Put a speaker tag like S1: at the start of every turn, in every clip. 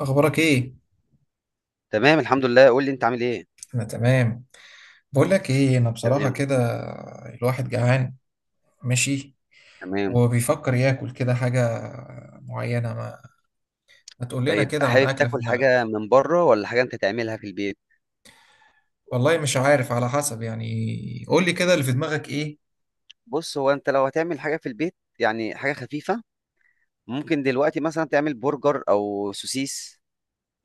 S1: اخبارك ايه؟
S2: تمام، الحمد لله. قول لي انت عامل ايه؟
S1: انا تمام. بقول لك ايه، انا بصراحه
S2: تمام،
S1: كده الواحد جعان ماشي
S2: تمام.
S1: وبيفكر ياكل كده حاجه معينه. ما تقول لنا
S2: طيب،
S1: كده عن
S2: حابب
S1: اكله في
S2: تاكل حاجه
S1: دماغك.
S2: من بره ولا حاجه انت تعملها في البيت؟
S1: والله مش عارف، على حسب يعني. قول لي كده اللي في دماغك ايه.
S2: بص، هو انت لو هتعمل حاجه في البيت يعني حاجه خفيفه. ممكن دلوقتي مثلا تعمل برجر او سوسيس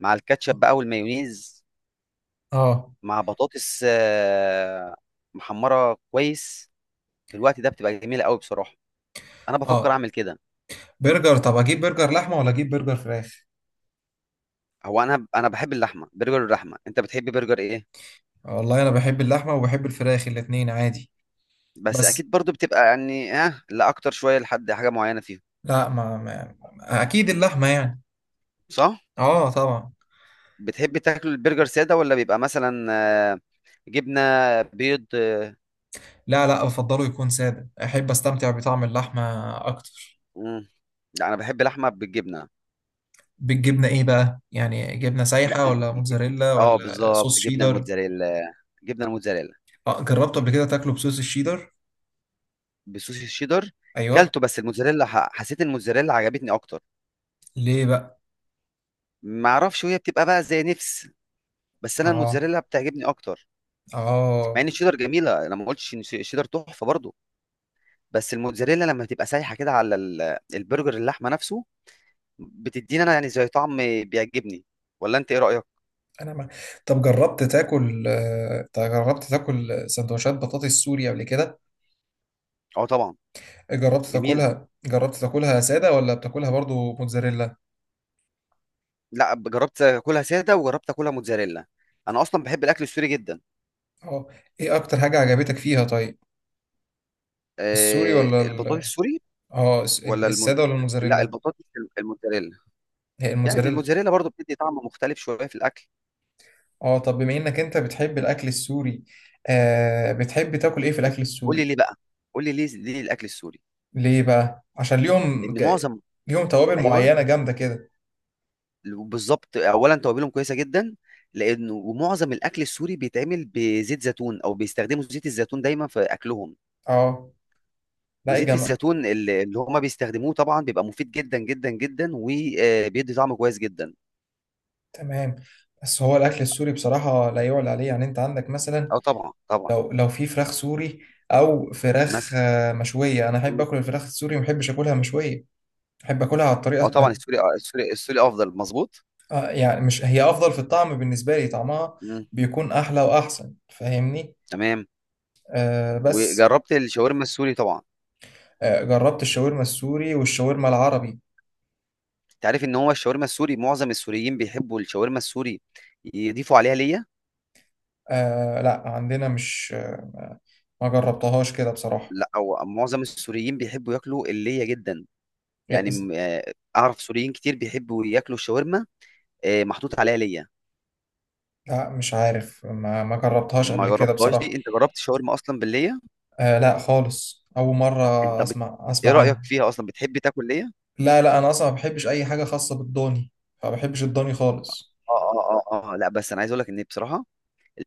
S2: مع الكاتشب بقى والمايونيز،
S1: اه
S2: مع بطاطس محمره كويس. في الوقت ده بتبقى جميله قوي بصراحه. انا بفكر
S1: اه،
S2: اعمل كده.
S1: برجر. طب اجيب برجر لحمه ولا اجيب برجر فراخ؟
S2: هو انا بحب اللحمه، برجر اللحمه. انت بتحب برجر ايه؟
S1: والله انا بحب اللحمه وبحب الفراخ، الاتنين عادي.
S2: بس
S1: بس
S2: اكيد برضو بتبقى يعني لا اكتر شويه لحد حاجه معينه فيهم.
S1: لا اكيد اللحمه يعني.
S2: صح.
S1: اه طبعا.
S2: بتحب تاكل البرجر ساده ولا بيبقى مثلا آه، جبنه، بيض؟
S1: لا، بفضله يكون سادة، أحب أستمتع بطعم اللحمة أكتر.
S2: مم. لا، انا بحب لحمه بالجبنه.
S1: بالجبنة إيه بقى؟ يعني جبنة
S2: لا،
S1: سايحة ولا موتزاريلا ولا
S2: بالظبط
S1: صوص
S2: جبنه
S1: شيدر؟
S2: الموتزاريلا، جبنه الموتزاريلا.
S1: آه، جربته قبل كده تاكله بصوص الشيدر؟
S2: بصوص الشيدر.
S1: أيوه.
S2: كلته، بس الموتزاريلا حسيت الموتزاريلا عجبتني اكتر.
S1: ليه بقى؟
S2: ما اعرفش، وهي بتبقى بقى زي نفس. بس انا
S1: آه.
S2: الموتزاريلا بتعجبني اكتر. مع
S1: آه.
S2: ان الشيدر جميله، انا ما قلتش ان الشيدر تحفه برضه. بس الموتزاريلا لما بتبقى سايحه كده على البرجر، اللحمه نفسه بتدينا انا يعني زي طعم بيعجبني. ولا انت ايه رايك؟
S1: أنا ما... طب جربت تاكل طب جربت تاكل سندوتشات بطاطس سوري قبل كده؟
S2: اه، طبعا.
S1: جربت
S2: جميله.
S1: تاكلها، جربت تاكلها سادة ولا بتاكلها برضو موتزاريلا؟
S2: لا، جربت اكلها ساده وجربت اكلها موتزاريلا. انا اصلا بحب الاكل السوري جدا.
S1: آه. إيه أكتر حاجة عجبتك فيها طيب؟ السوري
S2: أه،
S1: ولا
S2: البطاطس
S1: ال...
S2: السوري.
S1: اه
S2: ولا الم...
S1: السادة ولا
S2: لا،
S1: الموتزاريلا؟
S2: البطاطس، الموتزاريلا.
S1: هي
S2: يعني
S1: الموتزاريلا.
S2: الموتزاريلا برضو بتدي طعم مختلف شويه في الاكل.
S1: اه، طب بما انك انت بتحب الاكل السوري، بتحب تاكل ايه في
S2: بس
S1: الاكل
S2: قول لي
S1: السوري؟
S2: ليه بقى. قول لي ليه الاكل السوري؟
S1: ليه بقى؟ عشان ليهم ج...
S2: لان معظم...
S1: ليهم توابل
S2: ايوه.
S1: معينة جامدة كده.
S2: بالظبط، اولا توابلهم كويسه جدا. لانه ومعظم الاكل السوري بيتعمل بزيت زيتون، او بيستخدموا زيت الزيتون دايما في اكلهم.
S1: اه لا ايه
S2: وزيت
S1: جمع.
S2: الزيتون اللي هما بيستخدموه طبعا بيبقى مفيد جدا جدا جدا، وبيدي طعم كويس جدا.
S1: تمام. بس هو الاكل السوري بصراحة لا يعلى عليه، يعني انت عندك مثلا
S2: اه، طبعا طبعا.
S1: لو في فراخ سوري او فراخ
S2: مثلا.
S1: مشوية، انا احب
S2: مم.
S1: اكل الفراخ السوري، ما احبش اكلها مشوية. احب اكلها على
S2: اه،
S1: الطريقة
S2: طبعا
S1: ما-
S2: السوري، السوري، السوري افضل مظبوط.
S1: يعني مش هي افضل في الطعم، بالنسبة لي طعمها
S2: مم.
S1: بيكون احلى واحسن، فاهمني؟
S2: تمام.
S1: آه بس.
S2: وجربت الشاورما السوري طبعا.
S1: جربت الشاورما السوري والشاورما العربي.
S2: انت عارف ان هو الشاورما السوري، معظم السوريين بيحبوا الشاورما السوري يضيفوا عليها ليا.
S1: آه لا عندنا مش ما جربتهاش كده بصراحة.
S2: لا، او معظم السوريين بيحبوا ياكلوا اللية جدا.
S1: إيه،
S2: يعني
S1: إز-
S2: اعرف سوريين كتير بيحبوا ياكلوا الشاورما، محطوط عليها ليا.
S1: لا مش عارف، ما جربتهاش
S2: ما
S1: قبل كده
S2: جربتهاش
S1: بصراحة.
S2: دي؟ انت جربت شاورما اصلا باللية؟
S1: آه لا خالص، أول مرة
S2: انت بت...
S1: أسمع
S2: ايه رايك
S1: عنها.
S2: فيها اصلا؟ بتحب تاكل ليه؟
S1: لا لا، أنا أصلا ما بحبش أي حاجة خاصة بالضاني. ما بحبش الضاني خالص.
S2: اه، اه، اه، اه، لا، بس انا عايز اقول لك ان بصراحه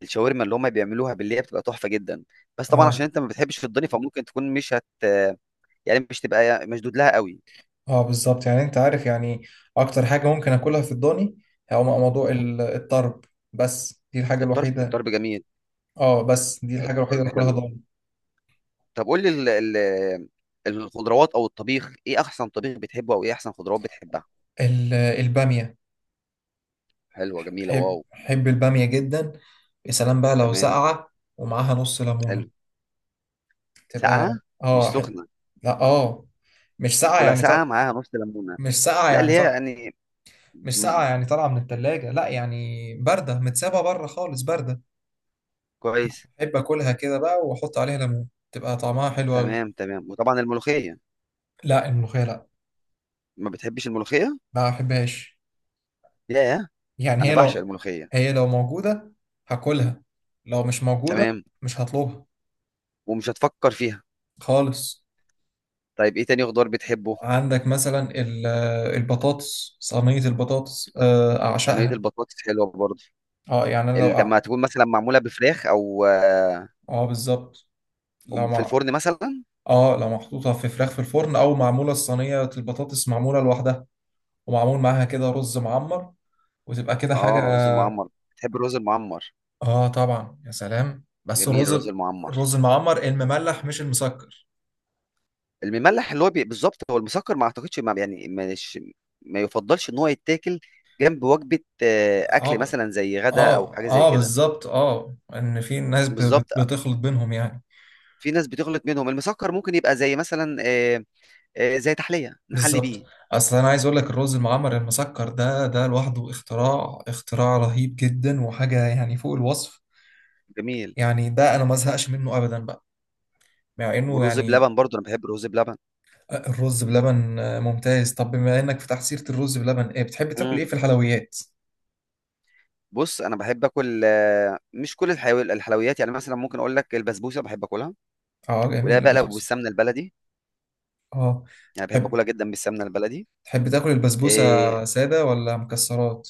S2: الشاورما اللي هم بيعملوها بالليه بتبقى تحفه جدا. بس طبعا عشان
S1: اه
S2: انت ما بتحبش في الضاني، فممكن تكون مش هت يعني مش تبقى مشدود لها قوي.
S1: اه بالظبط، يعني أنت عارف يعني أكتر حاجة ممكن أكلها في الضاني هو موضوع الطرب. بس دي الحاجة
S2: الطرب،
S1: الوحيدة.
S2: الطرب جميل.
S1: اه بس دي الحاجة الوحيدة
S2: الطرب
S1: اللي أكلها
S2: حلو.
S1: ضاني.
S2: طب قول لي الخضروات او الطبيخ، ايه احسن طبيخ بتحبه او ايه احسن خضروات بتحبها؟
S1: البامية.
S2: حلوه، جميله،
S1: حب
S2: واو.
S1: حب البامية جدا. يا سلام بقى لو
S2: تمام.
S1: ساقعة ومعاها نص ليمونة
S2: حلو.
S1: تبقى.
S2: ساقعه، مش
S1: اه حب...
S2: سخنه.
S1: لا اه، مش ساقعة
S2: اكلها
S1: يعني طر...
S2: ساقعه معاها نص ليمونه.
S1: مش ساقعة
S2: لا، اللي
S1: يعني
S2: هي
S1: طر...
S2: يعني
S1: مش ساقعة
S2: م-
S1: يعني طالعة من التلاجة، لا يعني باردة متسابة بره خالص، باردة.
S2: كويس.
S1: أحب أكلها كده بقى وأحط عليها ليمون، تبقى طعمها حلو أوي.
S2: تمام، تمام. وطبعا الملوخية.
S1: لا الملوخية لا،
S2: ما بتحبش الملوخية؟
S1: ما أحبهاش.
S2: ياه،
S1: يعني
S2: انا
S1: هي
S2: بعشق
S1: لو،
S2: الملوخية.
S1: هي لو موجودة هاكلها، لو مش موجودة
S2: تمام.
S1: مش هطلبها
S2: ومش هتفكر فيها.
S1: خالص.
S2: طيب ايه تاني خضار بتحبه؟
S1: عندك مثلا البطاطس، صينية البطاطس
S2: صينية
S1: أعشقها.
S2: البطاطس حلوة برضه.
S1: اه يعني أنا لو أع-.
S2: لما تكون مثلا معمولة بفراخ او
S1: اه بالظبط. لو
S2: في
S1: مع،
S2: الفرن مثلا.
S1: اه لو محطوطة في فراخ في الفرن أو معمولة الصينية البطاطس معمولة لوحدها، ومعمول معاها كده رز معمر، وتبقى كده حاجة.
S2: اه، رز المعمر، بتحب الرز المعمر؟
S1: اه طبعا، يا سلام بس
S2: جميل
S1: الرز.
S2: الرز المعمر.
S1: الرز المعمر المملح مش المسكر.
S2: المملح اللي هو بالظبط هو المسكر، ما اعتقدش، ما يعني، مش ما يفضلش ان هو يتاكل جنب وجبة،
S1: اه
S2: اكل
S1: ب-،
S2: مثلا زي غدا او
S1: اه
S2: حاجة زي كده.
S1: بالظبط، اه ان في ناس
S2: بالظبط.
S1: بتخلط بينهم يعني.
S2: في ناس بتغلط منهم، المسكر ممكن يبقى زي مثلا زي تحلية نحلي بيه.
S1: بالظبط. اصل انا عايز اقول لك الرز المعمر المسكر ده، لوحده اختراع، اختراع رهيب جدا، وحاجه يعني فوق الوصف.
S2: جميل.
S1: يعني ده انا ما ازهقش منه ابدا بقى، مع انه
S2: والرز
S1: يعني.
S2: بلبن برضو، انا بحب الرز بلبن.
S1: الرز بلبن ممتاز. طب بما انك فتحت سيره الرز بلبن، ايه بتحب تاكل
S2: مم.
S1: ايه في الحلويات؟
S2: بص، انا بحب اكل مش كل الحلويات، يعني مثلا ممكن اقول لك البسبوسه بحب اكلها.
S1: اه
S2: ولا
S1: جميل
S2: بقى لو
S1: البسبوسه.
S2: بالسمنه البلدي،
S1: اه
S2: يعني بحب
S1: تحب،
S2: اكلها جدا بالسمنه البلدي.
S1: تحب تاكل
S2: آه،
S1: البسبوسه ساده ولا مكسرات؟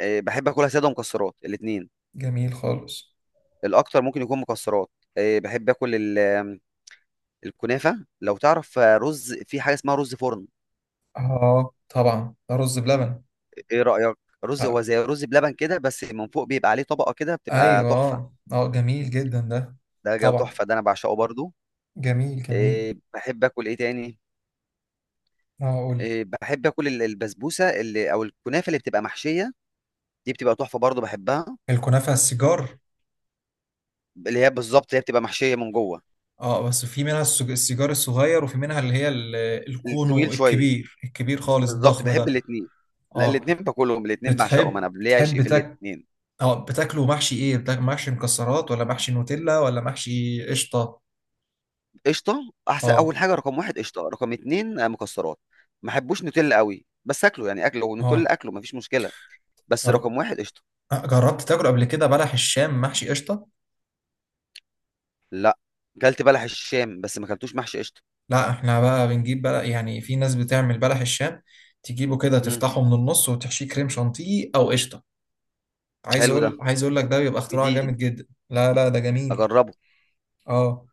S2: بحب اكلها ساده ومكسرات، الاثنين.
S1: جميل خالص.
S2: الاكتر ممكن يكون مكسرات. بحب اكل ال- آم، الكنافه. لو تعرف رز، في حاجه اسمها رز فرن.
S1: اه طبعا ده رز بلبن.
S2: ايه رأيك؟ رز، هو
S1: آه.
S2: زي رز بلبن كده، بس من فوق بيبقى عليه طبقة كده، بتبقى
S1: ايوه
S2: تحفة.
S1: اه جميل جدا ده.
S2: ده جو
S1: طبعا.
S2: تحفة، ده انا بعشقه برضو.
S1: جميل جميل.
S2: إيه، بحب اكل ايه تاني؟
S1: اه قول لي.
S2: إيه، بحب اكل البسبوسة اللي، او الكنافة اللي بتبقى محشية، دي بتبقى تحفة برضو، بحبها.
S1: الكنافة السيجار.
S2: اللي هي بالظبط، هي بتبقى محشية من جوه.
S1: اه بس في منها السيجار الصغير، وفي منها اللي هي الكونو
S2: الطويل شوية.
S1: الكبير، الكبير خالص
S2: بالظبط،
S1: الضخم
S2: بحب
S1: ده.
S2: الاتنين. لا،
S1: اه
S2: الاتنين باكلهم، الاتنين بعشقهم،
S1: بتحب،
S2: انا ليا عشق
S1: بتحب
S2: في
S1: تاك،
S2: الاتنين.
S1: اه بتاكله محشي ايه؟ بتاك محشي مكسرات ولا محشي نوتيلا ولا محشي قشطة؟
S2: قشطة احسن اول
S1: اه.
S2: حاجة. رقم 1 قشطة، رقم 2 مكسرات. ما احبوش نوتيلا قوي، بس اكله يعني، اكله نوتيلا
S1: اه.
S2: اكله مفيش مشكلة. بس
S1: جر...
S2: رقم 1 قشطة.
S1: جربت تاكل قبل كده بلح الشام محشي قشطة؟
S2: لا. كلت بلح الشام بس ما كلتوش محشي قشطه.
S1: لا احنا بقى بنجيب بلح، يعني في ناس بتعمل بلح الشام، تجيبه كده
S2: امم.
S1: تفتحه من النص وتحشيه كريم شانتيه او قشطة.
S2: حلو ده،
S1: عايز اقول لك ده بيبقى اختراع
S2: جديد،
S1: جامد جدا. لا لا ده جميل.
S2: اجربه.
S1: اه.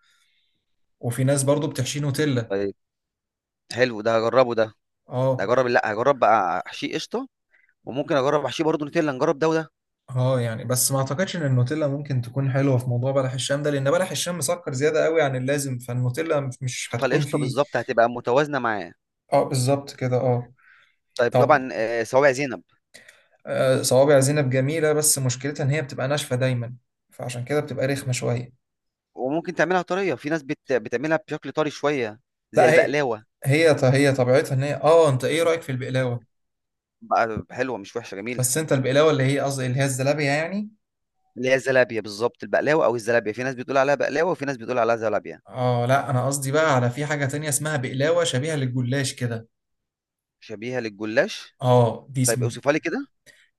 S1: وفي ناس برضو بتحشي نوتيلا.
S2: طيب. حلو ده، هجربه ده. ده
S1: اه.
S2: اجرب، لا هجرب بقى حشي قشطه، وممكن اجرب حشي برضه نوتيلا، نجرب ده وده.
S1: اه يعني، بس ما اعتقدش ان النوتيلا ممكن تكون حلوه في موضوع بلح الشام ده، لان بلح الشام مسكر زياده قوي عن اللازم، فالنوتيلا مش هتكون
S2: فالقشطه
S1: فيه.
S2: بالظبط هتبقى متوازنه معاه.
S1: اه بالظبط كده اه.
S2: طيب،
S1: طب
S2: طبعا صوابع زينب.
S1: آه، صوابع زينب جميله، بس مشكلتها ان هي بتبقى ناشفه دايما، فعشان كده بتبقى رخمه شويه.
S2: وممكن تعملها طريه، في ناس بتعملها بشكل طري شويه، زي
S1: لا هي،
S2: البقلاوه.
S1: هي طبيعتها ان هي اه. انت ايه رايك في البقلاوه؟
S2: بقى حلوه، مش وحشه، جميله.
S1: بس انت البقلاوه اللي هي قصدي اللي هي الزلابيه يعني.
S2: اللي هي الزلابيه بالظبط، البقلاوه او الزلابيه، في ناس بتقول عليها بقلاوه وفي ناس بتقول عليها زلابيه.
S1: اه لا انا قصدي بقى على في حاجة تانية اسمها بقلاوة شبيهة للجلاش كده.
S2: شبيهه للجلاش.
S1: اه دي اسم.
S2: طيب اوصفها لي كده.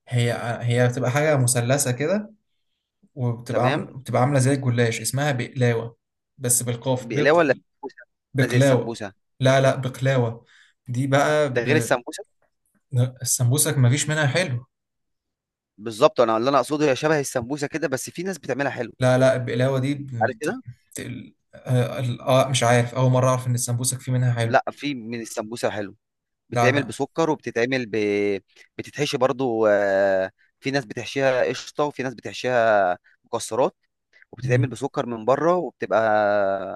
S1: هي، هي بتبقى حاجة مثلثة كده، وبتبقى عاملة،
S2: تمام.
S1: بتبقى عاملة زي الجلاش، اسمها بقلاوة، بس بالقاف.
S2: بقلاوه
S1: بق...
S2: ولا سمبوسه؟ عامله زي
S1: بقلاوة.
S2: السمبوسه؟
S1: لا بقلاوة. دي بقى
S2: ده غير
S1: ب...
S2: السمبوسه؟
S1: السمبوسك مفيش منها حلو.
S2: بالظبط، انا اللي انا اقصده هي شبه السمبوسه كده، بس في ناس بتعملها حلو.
S1: لا البقلاوة دي
S2: عارف
S1: بت...
S2: كده.
S1: بت... آه، مش عارف، أول مرة أعرف إن السمبوسك فيه منها حلو.
S2: لا، في من السمبوسه حلو.
S1: لا
S2: بتتعمل
S1: لا.
S2: بسكر، وبتتعمل بتتحشي برضو، في ناس بتحشيها قشطه وفي ناس بتحشيها مكسرات، وبتتعمل
S1: مم.
S2: بسكر من بره وبتبقى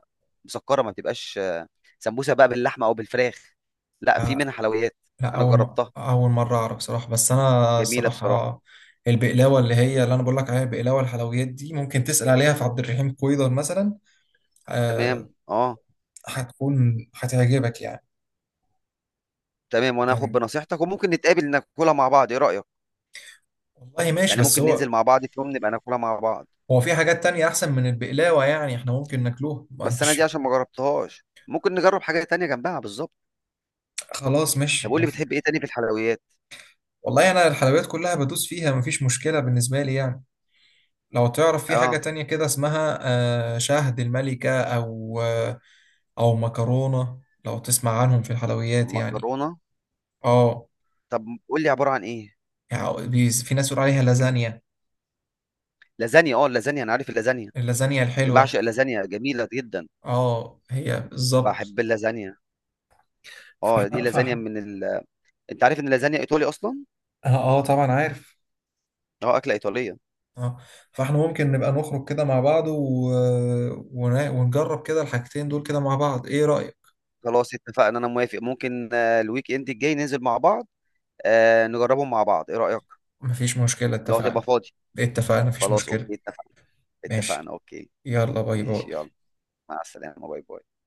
S2: مسكره، ما بتبقاش سمبوسه بقى باللحمه او بالفراخ. لا، في منها حلويات.
S1: لا
S2: انا
S1: اول م...
S2: جربتها،
S1: اول مره اعرف صراحه. بس انا
S2: جميله بصراحه.
S1: صراحه البقلاوه اللي هي اللي انا بقول لك عليها، البقلاوه الحلويات دي ممكن تسال عليها في عبد الرحيم كويدر مثلا.
S2: تمام،
S1: آه
S2: اه.
S1: هتكون، هتعجبك يعني.
S2: تمام، وانا هاخد
S1: تمام.
S2: بنصيحتك، وممكن نتقابل ناكلها مع بعض، ايه رأيك؟
S1: والله ماشي،
S2: يعني
S1: بس
S2: ممكن ننزل
S1: هو،
S2: مع بعض في يوم نبقى ناكلها مع بعض.
S1: هو في حاجات تانية احسن من البقلاوه يعني احنا ممكن ناكلوها ما
S2: بس انا دي
S1: انتش.
S2: عشان ما جربتهاش، ممكن نجرب حاجة تانية جنبها بالظبط.
S1: خلاص
S2: طب
S1: ماشي
S2: قول
S1: ما
S2: لي
S1: في...
S2: بتحب ايه تاني في الحلويات؟
S1: والله انا الحلويات كلها بدوس فيها، مفيش مشكله بالنسبه لي يعني. لو تعرف في حاجة
S2: اه.
S1: تانية كده اسمها شهد الملكة أو أو مكرونة، لو تسمع عنهم في الحلويات يعني.
S2: مكرونة.
S1: اه
S2: طب قول لي عبارة عن ايه؟
S1: يعني في ناس بتقول عليها لازانيا.
S2: لازانيا؟ اه، اللازانيا، انا عارف اللازانيا.
S1: اللازانيا
S2: اللي
S1: الحلوة.
S2: بعشق، اللازانيا جميلة جدا.
S1: اه هي بالظبط.
S2: بحب اللازانيا. اه، دي
S1: فاحنا
S2: لازانيا
S1: فاحنا
S2: من انت عارف ان اللازانيا ايطالي اصلا.
S1: اه طبعا عارف.
S2: اه، اكلة ايطالية.
S1: اه فاحنا ممكن نبقى نخرج كده مع بعض و... ونجرب كده الحاجتين دول كده مع بعض، ايه رأيك؟
S2: خلاص اتفقنا، انا موافق، ممكن الويك اند الجاي ننزل مع بعض، نجربهم مع بعض، ايه رأيك؟
S1: مفيش مشكلة،
S2: لو هتبقى
S1: اتفقنا.
S2: فاضي.
S1: إيه، اتفقنا مفيش
S2: خلاص،
S1: مشكلة.
S2: اوكي، اتفقنا. اتفقنا،
S1: ماشي،
S2: اوكي.
S1: يلا باي باي.
S2: ماشي، يلا. مع السلامة، باي باي.